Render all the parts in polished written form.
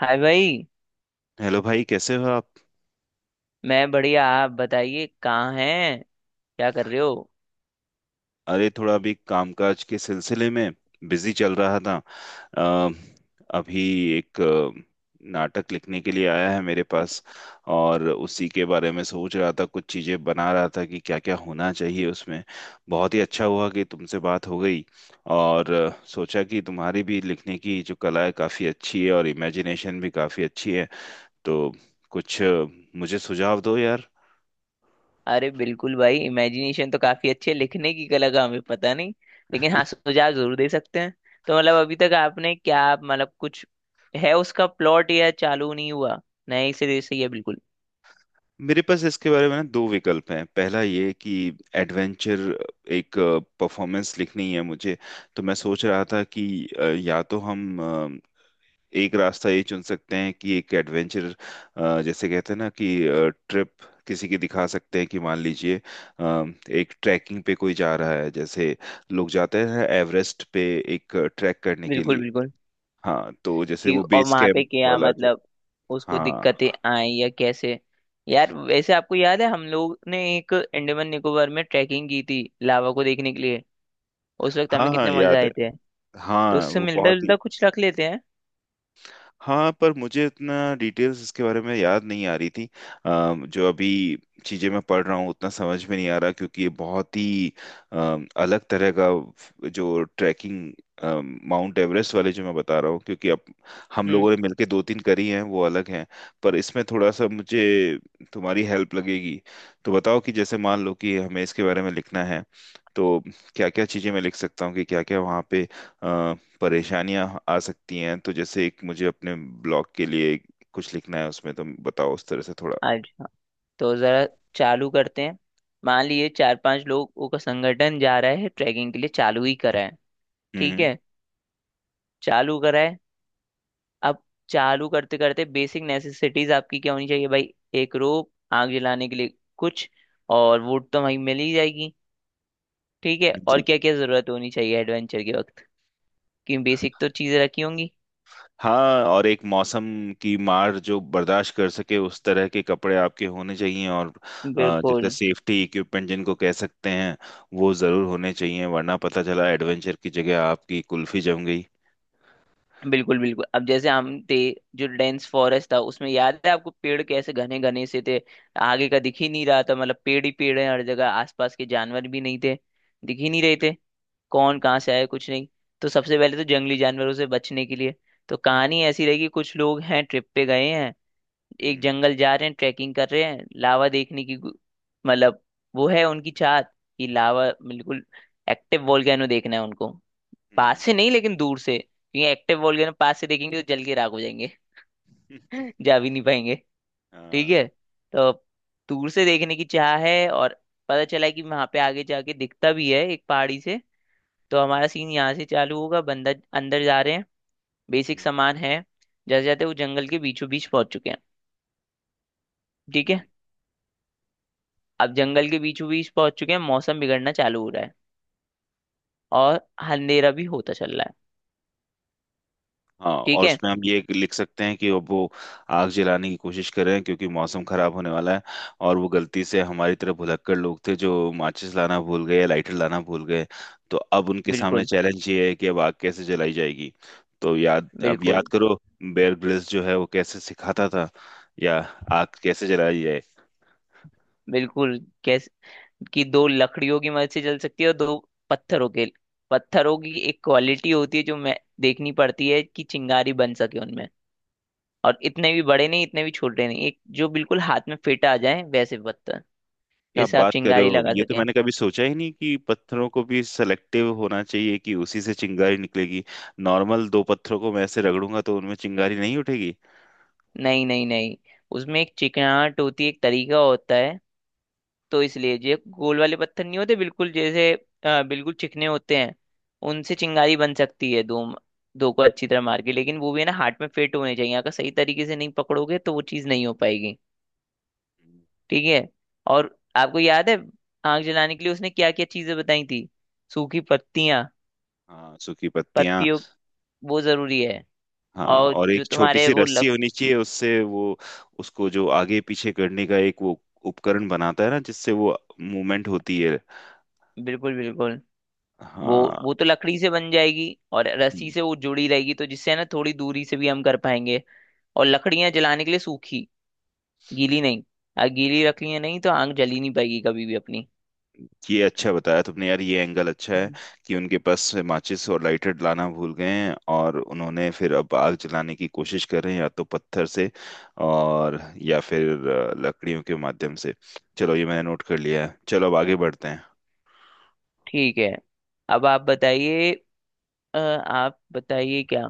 हाय भाई। हेलो भाई, कैसे हो आप। मैं बढ़िया, आप बताइए, कहाँ हैं, क्या कर रहे हो। अरे थोड़ा अभी कामकाज के सिलसिले में बिजी चल रहा था। अ, अभी एक नाटक लिखने के लिए आया है मेरे पास, और उसी के बारे में सोच रहा था, कुछ चीजें बना रहा था कि क्या क्या होना चाहिए उसमें। बहुत ही अच्छा हुआ कि तुमसे बात हो गई, और सोचा कि तुम्हारी भी लिखने की जो कला है काफी अच्छी है और इमेजिनेशन भी काफी अच्छी है। तो कुछ मुझे सुझाव दो यार। अरे बिल्कुल भाई, इमेजिनेशन तो काफी अच्छी है, लिखने की कला का हमें पता नहीं। लेकिन हाँ, सुझाव जरूर दे सकते हैं। तो मतलब अभी तक आपने क्या, मतलब कुछ है उसका प्लॉट या चालू नहीं हुआ? नहीं, सिरे से ही है बिल्कुल। मेरे पास इसके बारे में ना दो विकल्प हैं। पहला ये कि एडवेंचर, एक परफॉर्मेंस लिखनी है मुझे। तो मैं सोच रहा था कि या तो हम एक रास्ता ये चुन सकते हैं कि एक एडवेंचर, जैसे कहते हैं ना कि ट्रिप किसी की दिखा सकते हैं। कि मान लीजिए अ, एक ट्रैकिंग पे कोई जा रहा है, जैसे लोग जाते हैं एवरेस्ट पे एक ट्रैक करने के बिल्कुल लिए। बिल्कुल। हाँ, तो जैसे कि वो और बेस वहां पे कैंप क्या, वाला जो। मतलब उसको हाँ दिक्कतें आई या कैसे? यार वैसे आपको याद है, हम लोग ने एक अंडमान निकोबार में ट्रैकिंग की थी लावा को देखने के लिए। उस वक्त हाँ, हमें हाँ कितने मजा याद है। आए थे। तो हाँ उससे वो मिलता बहुत ही। जुलता कुछ रख लेते हैं। हाँ, पर मुझे इतना डिटेल्स इसके बारे में याद नहीं आ रही थी। जो अभी चीजें मैं पढ़ रहा हूँ उतना समझ में नहीं आ रहा, क्योंकि ये बहुत ही अलग तरह का जो ट्रैकिंग माउंट एवरेस्ट वाले जो मैं बता रहा हूँ, क्योंकि अब हम हम्म। लोगों ने मिलके दो तीन करी हैं वो अलग हैं। पर इसमें थोड़ा सा मुझे तुम्हारी हेल्प लगेगी। तो बताओ कि जैसे मान लो कि हमें इसके बारे में लिखना है तो क्या क्या चीजें मैं लिख सकता हूँ, कि क्या क्या वहाँ पे परेशानियां आ सकती हैं। तो जैसे एक मुझे अपने ब्लॉग के लिए कुछ लिखना है, उसमें तुम बताओ उस तरह से थोड़ा। अच्छा, तो जरा चालू करते हैं। मान लिए चार पांच लोगों का संगठन जा रहा है ट्रैकिंग के लिए, चालू ही करा है। ठीक हम्म। है, चालू करा है। अब चालू करते करते बेसिक नेसेसिटीज आपकी क्या होनी चाहिए भाई? एक रोप, आग जलाने के लिए कुछ, और वुड तो वहीं मिल ही जाएगी। ठीक है, और जी। क्या क्या जरूरत होनी चाहिए एडवेंचर के वक्त? क्योंकि बेसिक तो चीजें रखी होंगी। हाँ और एक मौसम की मार जो बर्दाश्त कर सके उस तरह के कपड़े आपके होने चाहिए, और जैसे बिल्कुल सेफ्टी इक्विपमेंट जिनको कह सकते हैं वो जरूर होने चाहिए, वरना पता चला एडवेंचर की जगह आपकी कुल्फी जम गई। बिल्कुल। बिल्कुल अब जैसे हम थे, जो डेंस फॉरेस्ट था उसमें, याद है आपको पेड़ कैसे घने घने से थे? आगे का दिख ही नहीं रहा था, मतलब पेड़ ही पेड़ है हर जगह, आसपास के जानवर भी नहीं थे, दिख ही नहीं रहे थे, कौन कहाँ जी। से आया कुछ नहीं। तो सबसे पहले तो जंगली जानवरों से बचने के लिए। तो कहानी ऐसी रही कि कुछ लोग हैं, ट्रिप पे गए हैं, एक हम्म। जंगल जा रहे हैं, ट्रैकिंग कर रहे हैं, लावा देखने की गु-, मतलब वो है उनकी चाहत कि लावा बिल्कुल, एक्टिव वोल्केनो देखना है उनको। पास हम्म। से नहीं लेकिन दूर से, क्योंकि एक्टिव वोल्केनो पास से देखेंगे तो जल के राख हो जाएंगे। जा भी नहीं पाएंगे। ठीक हाँ। है, तो दूर से देखने की चाह है, और पता चला कि वहां पे आगे जाके दिखता भी है एक पहाड़ी से। तो हमारा सीन यहाँ से चालू होगा, बंदा अंदर जा रहे हैं, बेसिक हम्म, सामान है। जैसे जाते, वो जंगल के बीचों बीच पहुंच चुके हैं। ठीक हम्म। है। अब जंगल के बीचों बीच पहुंच चुके हैं, मौसम बिगड़ना चालू हो रहा है, और अंधेरा भी होता चल रहा है। हाँ ठीक और है। उसमें हम ये लिख सकते हैं कि अब वो आग जलाने की कोशिश कर रहे हैं क्योंकि मौसम खराब होने वाला है। और वो गलती से हमारी तरह भुलक्कड़ लोग थे जो माचिस लाना भूल गए, लाइटर लाना भूल गए। तो अब उनके सामने बिल्कुल। चैलेंज ये है कि अब आग कैसे जलाई जाएगी। तो याद अब बिल्कुल याद करो बेयर ग्रिल्स जो है वो कैसे सिखाता था, या आग कैसे जलाई जाए। बिल्कुल, कैसे? कि दो लकड़ियों की मदद से चल सकती है, और दो पत्थरों के, पत्थरों की एक क्वालिटी होती है जो मैं देखनी पड़ती है कि चिंगारी बन सके उनमें। और इतने भी बड़े नहीं, इतने भी छोटे नहीं, एक जो बिल्कुल हाथ में फिट आ जाए वैसे पत्थर, क्या आप जैसे आप बात कर रहे चिंगारी हो! लगा ये तो सकें। मैंने कभी सोचा ही नहीं कि पत्थरों को भी सेलेक्टिव होना चाहिए कि उसी से चिंगारी निकलेगी। नॉर्मल दो पत्थरों को मैं ऐसे रगड़ूंगा तो उनमें चिंगारी नहीं उठेगी। नहीं नहीं नहीं, उसमें एक चिकनाहट होती है, एक तरीका होता है। तो इसलिए ये गोल वाले पत्थर नहीं होते, बिल्कुल जैसे बिल्कुल चिकने होते हैं, उनसे चिंगारी बन सकती है। दो, दो को अच्छी तरह मार के, लेकिन वो भी है ना, हाथ में फिट होने चाहिए। अगर सही तरीके से नहीं पकड़ोगे तो वो चीज़ नहीं हो पाएगी। ठीक है। और आपको याद है, आग जलाने के लिए उसने क्या क्या चीज़ें बताई थी? सूखी पत्तियां, हाँ, सूखी पत्तियां। पत्तियों, वो जरूरी है। हाँ, और और एक जो छोटी तुम्हारे सी वो रस्सी लक, होनी चाहिए उससे वो, उसको जो आगे पीछे करने का एक वो उपकरण बनाता है ना, जिससे वो मूवमेंट होती है। बिल्कुल बिल्कुल। वो हाँ। वो तो लकड़ी से बन जाएगी, और रस्सी हम्म। से वो जुड़ी रहेगी तो जिससे है ना, थोड़ी दूरी से भी हम कर पाएंगे। और लकड़ियां जलाने के लिए सूखी, गीली नहीं, गीली रख लिया नहीं तो आग जली नहीं पाएगी कभी भी अपनी। ये अच्छा बताया तुमने यार, ये एंगल अच्छा है, हम्म। कि उनके पास से माचिस और लाइटर लाना भूल गए हैं और उन्होंने फिर अब आग जलाने की कोशिश कर रहे हैं, या तो पत्थर से और, या फिर लकड़ियों के माध्यम से। चलो ये मैंने नोट कर लिया है, चलो अब आगे बढ़ते हैं। ठीक है। अब आप बताइए, आप बताइए क्या।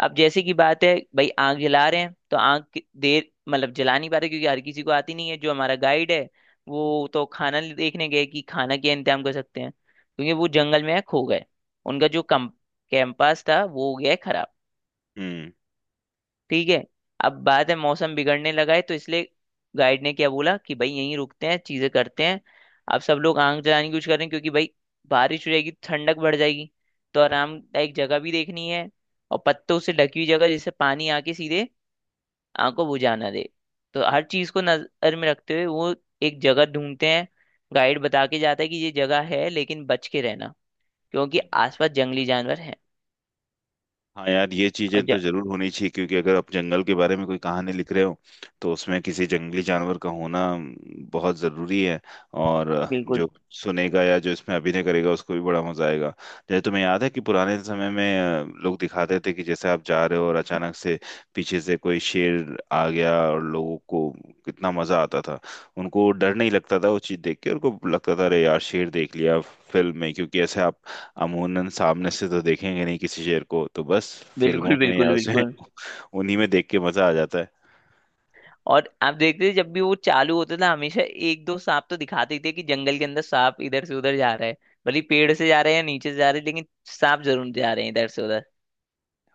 अब जैसे की बात है भाई, आग जला रहे हैं तो आग कि-, देर, मतलब जला नहीं पाते क्योंकि हर किसी को आती नहीं है। जो हमारा गाइड है, वो तो खाना ले-, देखने गए कि खाना क्या इंतजाम कर सकते हैं क्योंकि वो जंगल में खो गए। उनका जो कम, कैंपस था वो हो गया है खराब। हम्म। ठीक है, अब बात है मौसम बिगड़ने लगा है, तो इसलिए गाइड ने क्या बोला कि भाई यहीं रुकते हैं, चीजें करते हैं। अब सब लोग आग जलाने की कोशिश कर रहे हैं क्योंकि भाई बारिश हो जाएगी तो ठंडक बढ़ जाएगी। तो आरामदायक जगह भी देखनी है, और पत्तों से ढकी हुई जगह जिससे पानी आके सीधे आग को बुझा ना दे। तो हर चीज को नजर में रखते हुए वो एक जगह ढूंढते हैं। गाइड बता के जाता है कि ये जगह है, लेकिन बच के रहना क्योंकि आसपास जंगली जानवर हैं। हाँ यार, ये और चीजें तो ज... जरूर होनी चाहिए क्योंकि अगर आप जंगल के बारे में कोई कहानी लिख रहे हो तो उसमें किसी जंगली जानवर का होना बहुत जरूरी है। और बिल्कुल जो सुनेगा या जो इसमें अभिनय करेगा उसको भी बड़ा मजा आएगा। जैसे तुम्हें याद है कि पुराने समय में लोग दिखाते थे कि जैसे आप जा रहे हो और अचानक से पीछे से कोई शेर आ गया, और लोगों को कितना मजा आता था। उनको डर नहीं लगता था, वो चीज देख के उनको लगता था अरे यार शेर देख लिया फिल्म में, क्योंकि ऐसे आप अमूनन सामने से तो देखेंगे नहीं किसी शेर को, तो बस फिल्मों बिल्कुल। में या बिल्कुल उसमें बिल्कुल। उन्हीं में देख के मजा आ जाता है। और आप देखते थे, जब भी वो चालू होता था, हमेशा एक दो सांप तो दिखाते ही थे कि जंगल के अंदर सांप इधर से उधर जा रहा है। भले ही पेड़ से जा रहे हैं या नीचे से जा रहे हैं, लेकिन सांप जरूर जा रहे हैं इधर से उधर।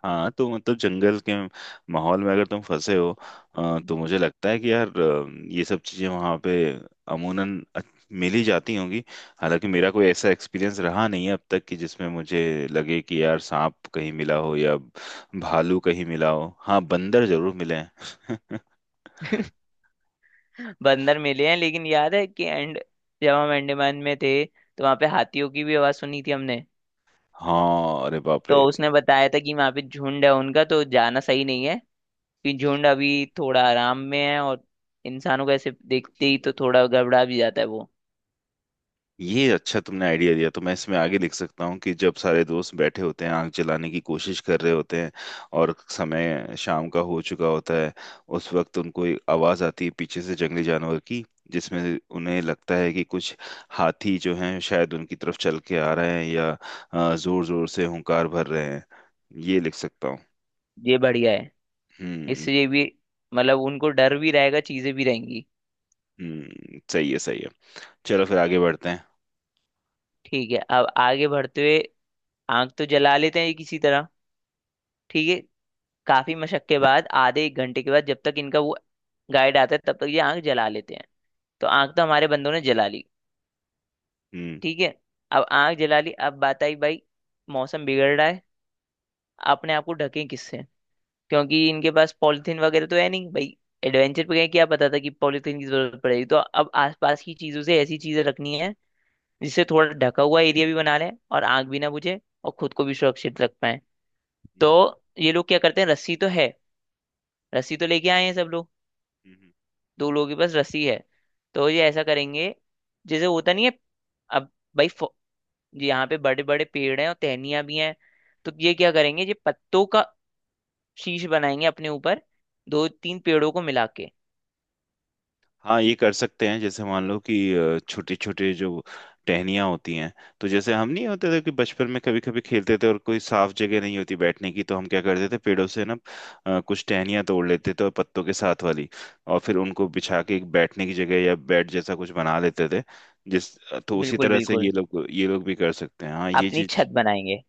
हाँ तो मतलब जंगल के माहौल में अगर तुम फंसे हो तो मुझे लगता है कि यार ये सब चीजें वहाँ पे अमूनन मिल ही जाती होंगी। हालांकि मेरा कोई ऐसा एक्सपीरियंस रहा नहीं है अब तक कि जिसमें मुझे लगे कि यार सांप कहीं मिला हो या भालू कहीं मिला हो। हाँ, बंदर जरूर मिले हैं। बंदर मिले हैं, लेकिन याद है कि एंड, जब हम अंडमान में थे तो वहां पे हाथियों की भी आवाज सुनी थी हमने। हाँ, अरे बाप रे। तो उसने बताया था कि वहां पे झुंड है उनका, तो जाना सही नहीं है। कि झुंड अभी थोड़ा आराम में है, और इंसानों को ऐसे देखते ही तो थोड़ा गड़बड़ा भी जाता है वो। ये अच्छा तुमने आइडिया दिया, तो मैं इसमें आगे लिख सकता हूँ कि जब सारे दोस्त बैठे होते हैं आग जलाने की कोशिश कर रहे होते हैं और समय शाम का हो चुका होता है, उस वक्त उनको एक आवाज़ आती है पीछे से जंगली जानवर की, जिसमें उन्हें लगता है कि कुछ हाथी जो हैं शायद उनकी तरफ चल के आ रहे हैं या ज़ोर ज़ोर से हुंकार भर रहे हैं। ये लिख सकता हूँ। ये बढ़िया है। हम्म। इसलिए भी, मतलब उनको डर भी रहेगा, चीजें भी रहेंगी। हम्म, सही है, सही है। चलो फिर आगे बढ़ते हैं। ठीक है, अब आगे बढ़ते हुए आग तो जला लेते हैं किसी तरह। ठीक है, काफी मशक के बाद, आधे एक घंटे के बाद जब तक इनका वो गाइड आता है, तब तक ये आग जला लेते हैं। तो आग तो हमारे बंदों ने जला ली। हम्म। ठीक है, अब आग जला ली। अब बात आई भाई, मौसम बिगड़ रहा है, अपने आप को ढकें किससे? क्योंकि इनके पास पॉलिथीन वगैरह तो है नहीं भाई, एडवेंचर पे गए, क्या पता था कि पॉलिथीन की जरूरत पड़ेगी। तो अब आसपास की चीजों से ऐसी चीजें रखनी है जिससे थोड़ा ढका हुआ एरिया भी बना लें, और आग भी ना बुझे, और खुद को भी सुरक्षित रख पाए। तो हम्म, ये लोग क्या करते हैं, रस्सी तो है, रस्सी तो लेके आए हैं सब लोग। हम्म, हम्म। दो लोगों के पास रस्सी है। तो ये ऐसा करेंगे, जैसे होता नहीं है। अब भाई फ-, यहाँ पे बड़े बड़े पेड़ हैं और टहनियाँ भी हैं। तो ये क्या करेंगे, ये पत्तों का शीश बनाएंगे अपने ऊपर, दो तीन पेड़ों को मिला के। हाँ ये कर सकते हैं। जैसे मान लो कि छोटे छोटे जो टहनियाँ होती हैं, तो जैसे हम नहीं होते थे कि बचपन में कभी कभी खेलते थे और कोई साफ जगह नहीं होती बैठने की, तो हम क्या करते थे पेड़ों से ना कुछ टहनियाँ तोड़ लेते थे, और पत्तों के साथ वाली, और फिर उनको बिछा के एक बैठने की जगह या बेड जैसा कुछ बना लेते थे जिस। तो उसी बिल्कुल तरह से बिल्कुल, ये लोग भी कर सकते हैं, हाँ ये अपनी छत चीज। बनाएंगे।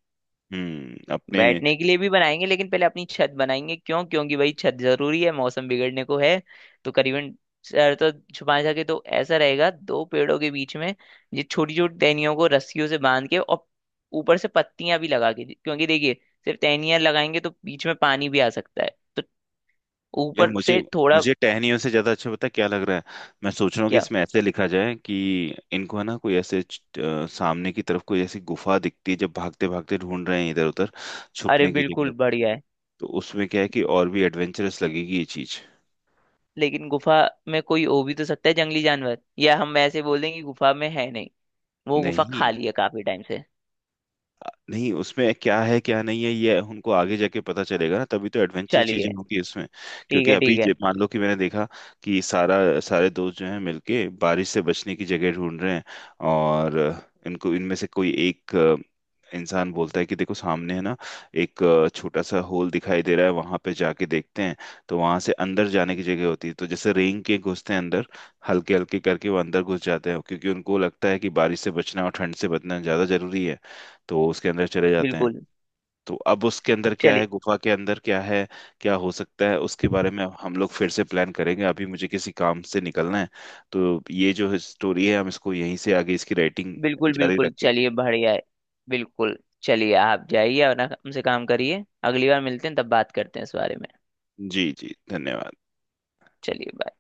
हम्म, अपने। बैठने के लिए भी बनाएंगे, लेकिन पहले अपनी छत बनाएंगे। क्यों? क्योंकि भाई छत जरूरी है, मौसम बिगड़ने को है। तो करीबन सर तो छुपा सके, तो ऐसा रहेगा दो पेड़ों के बीच में ये छोटी छोटी टहनियों को रस्सियों से बांध के, और ऊपर से पत्तियां भी लगा के, क्योंकि देखिए सिर्फ टहनियां लगाएंगे तो बीच में पानी भी आ सकता है। तो यार ऊपर मुझे से थोड़ा, मुझे टहनियों से ज्यादा अच्छा पता है क्या लग रहा है। मैं सोच रहा हूँ कि क्या? इसमें ऐसे लिखा जाए कि इनको है ना कोई ऐसे सामने की तरफ कोई ऐसी गुफा दिखती है, जब भागते भागते ढूंढ रहे हैं इधर उधर अरे छुपने की जगह। बिल्कुल, बढ़िया है। तो उसमें क्या है कि और भी एडवेंचरस लगेगी ये चीज। लेकिन गुफा में कोई हो भी तो सकता है जंगली जानवर, या हम ऐसे बोल दें कि गुफा में है नहीं, वो गुफा नहीं, खाली है काफी टाइम से। नहीं उसमें क्या है क्या नहीं है ये उनको आगे जाके पता चलेगा ना, तभी तो एडवेंचर चीजें चलिए, होंगी उसमें। ठीक क्योंकि है अभी ठीक है। मान लो कि मैंने देखा कि सारा सारे दोस्त जो हैं मिलके बारिश से बचने की जगह ढूंढ रहे हैं, और इनको इनमें से कोई एक इंसान बोलता है कि देखो सामने है ना, एक छोटा सा होल दिखाई दे रहा है, वहां पे जाके देखते हैं। तो वहां से अंदर जाने की जगह होती है, तो जैसे रेंग के घुसते हैं अंदर, हल्के हल्के करके वो अंदर घुस जाते हैं, क्योंकि उनको लगता है कि बारिश से बचना और ठंड से बचना ज्यादा जरूरी है। तो उसके अंदर चले जाते हैं। बिल्कुल। तो अब उसके अंदर क्या चलिए। है, गुफा के अंदर क्या है, क्या हो सकता है, उसके बारे में हम लोग फिर से प्लान करेंगे। अभी मुझे किसी काम से निकलना है। तो ये जो स्टोरी है हम इसको यहीं से आगे इसकी राइटिंग बिल्कुल जारी बिल्कुल, रखेंगे। चलिए, बढ़िया है। बिल्कुल। चलिए, आप जाइए, अपना हमसे काम करिए, अगली बार मिलते हैं तब बात करते हैं इस बारे में। जी जी, धन्यवाद। चलिए, बाय।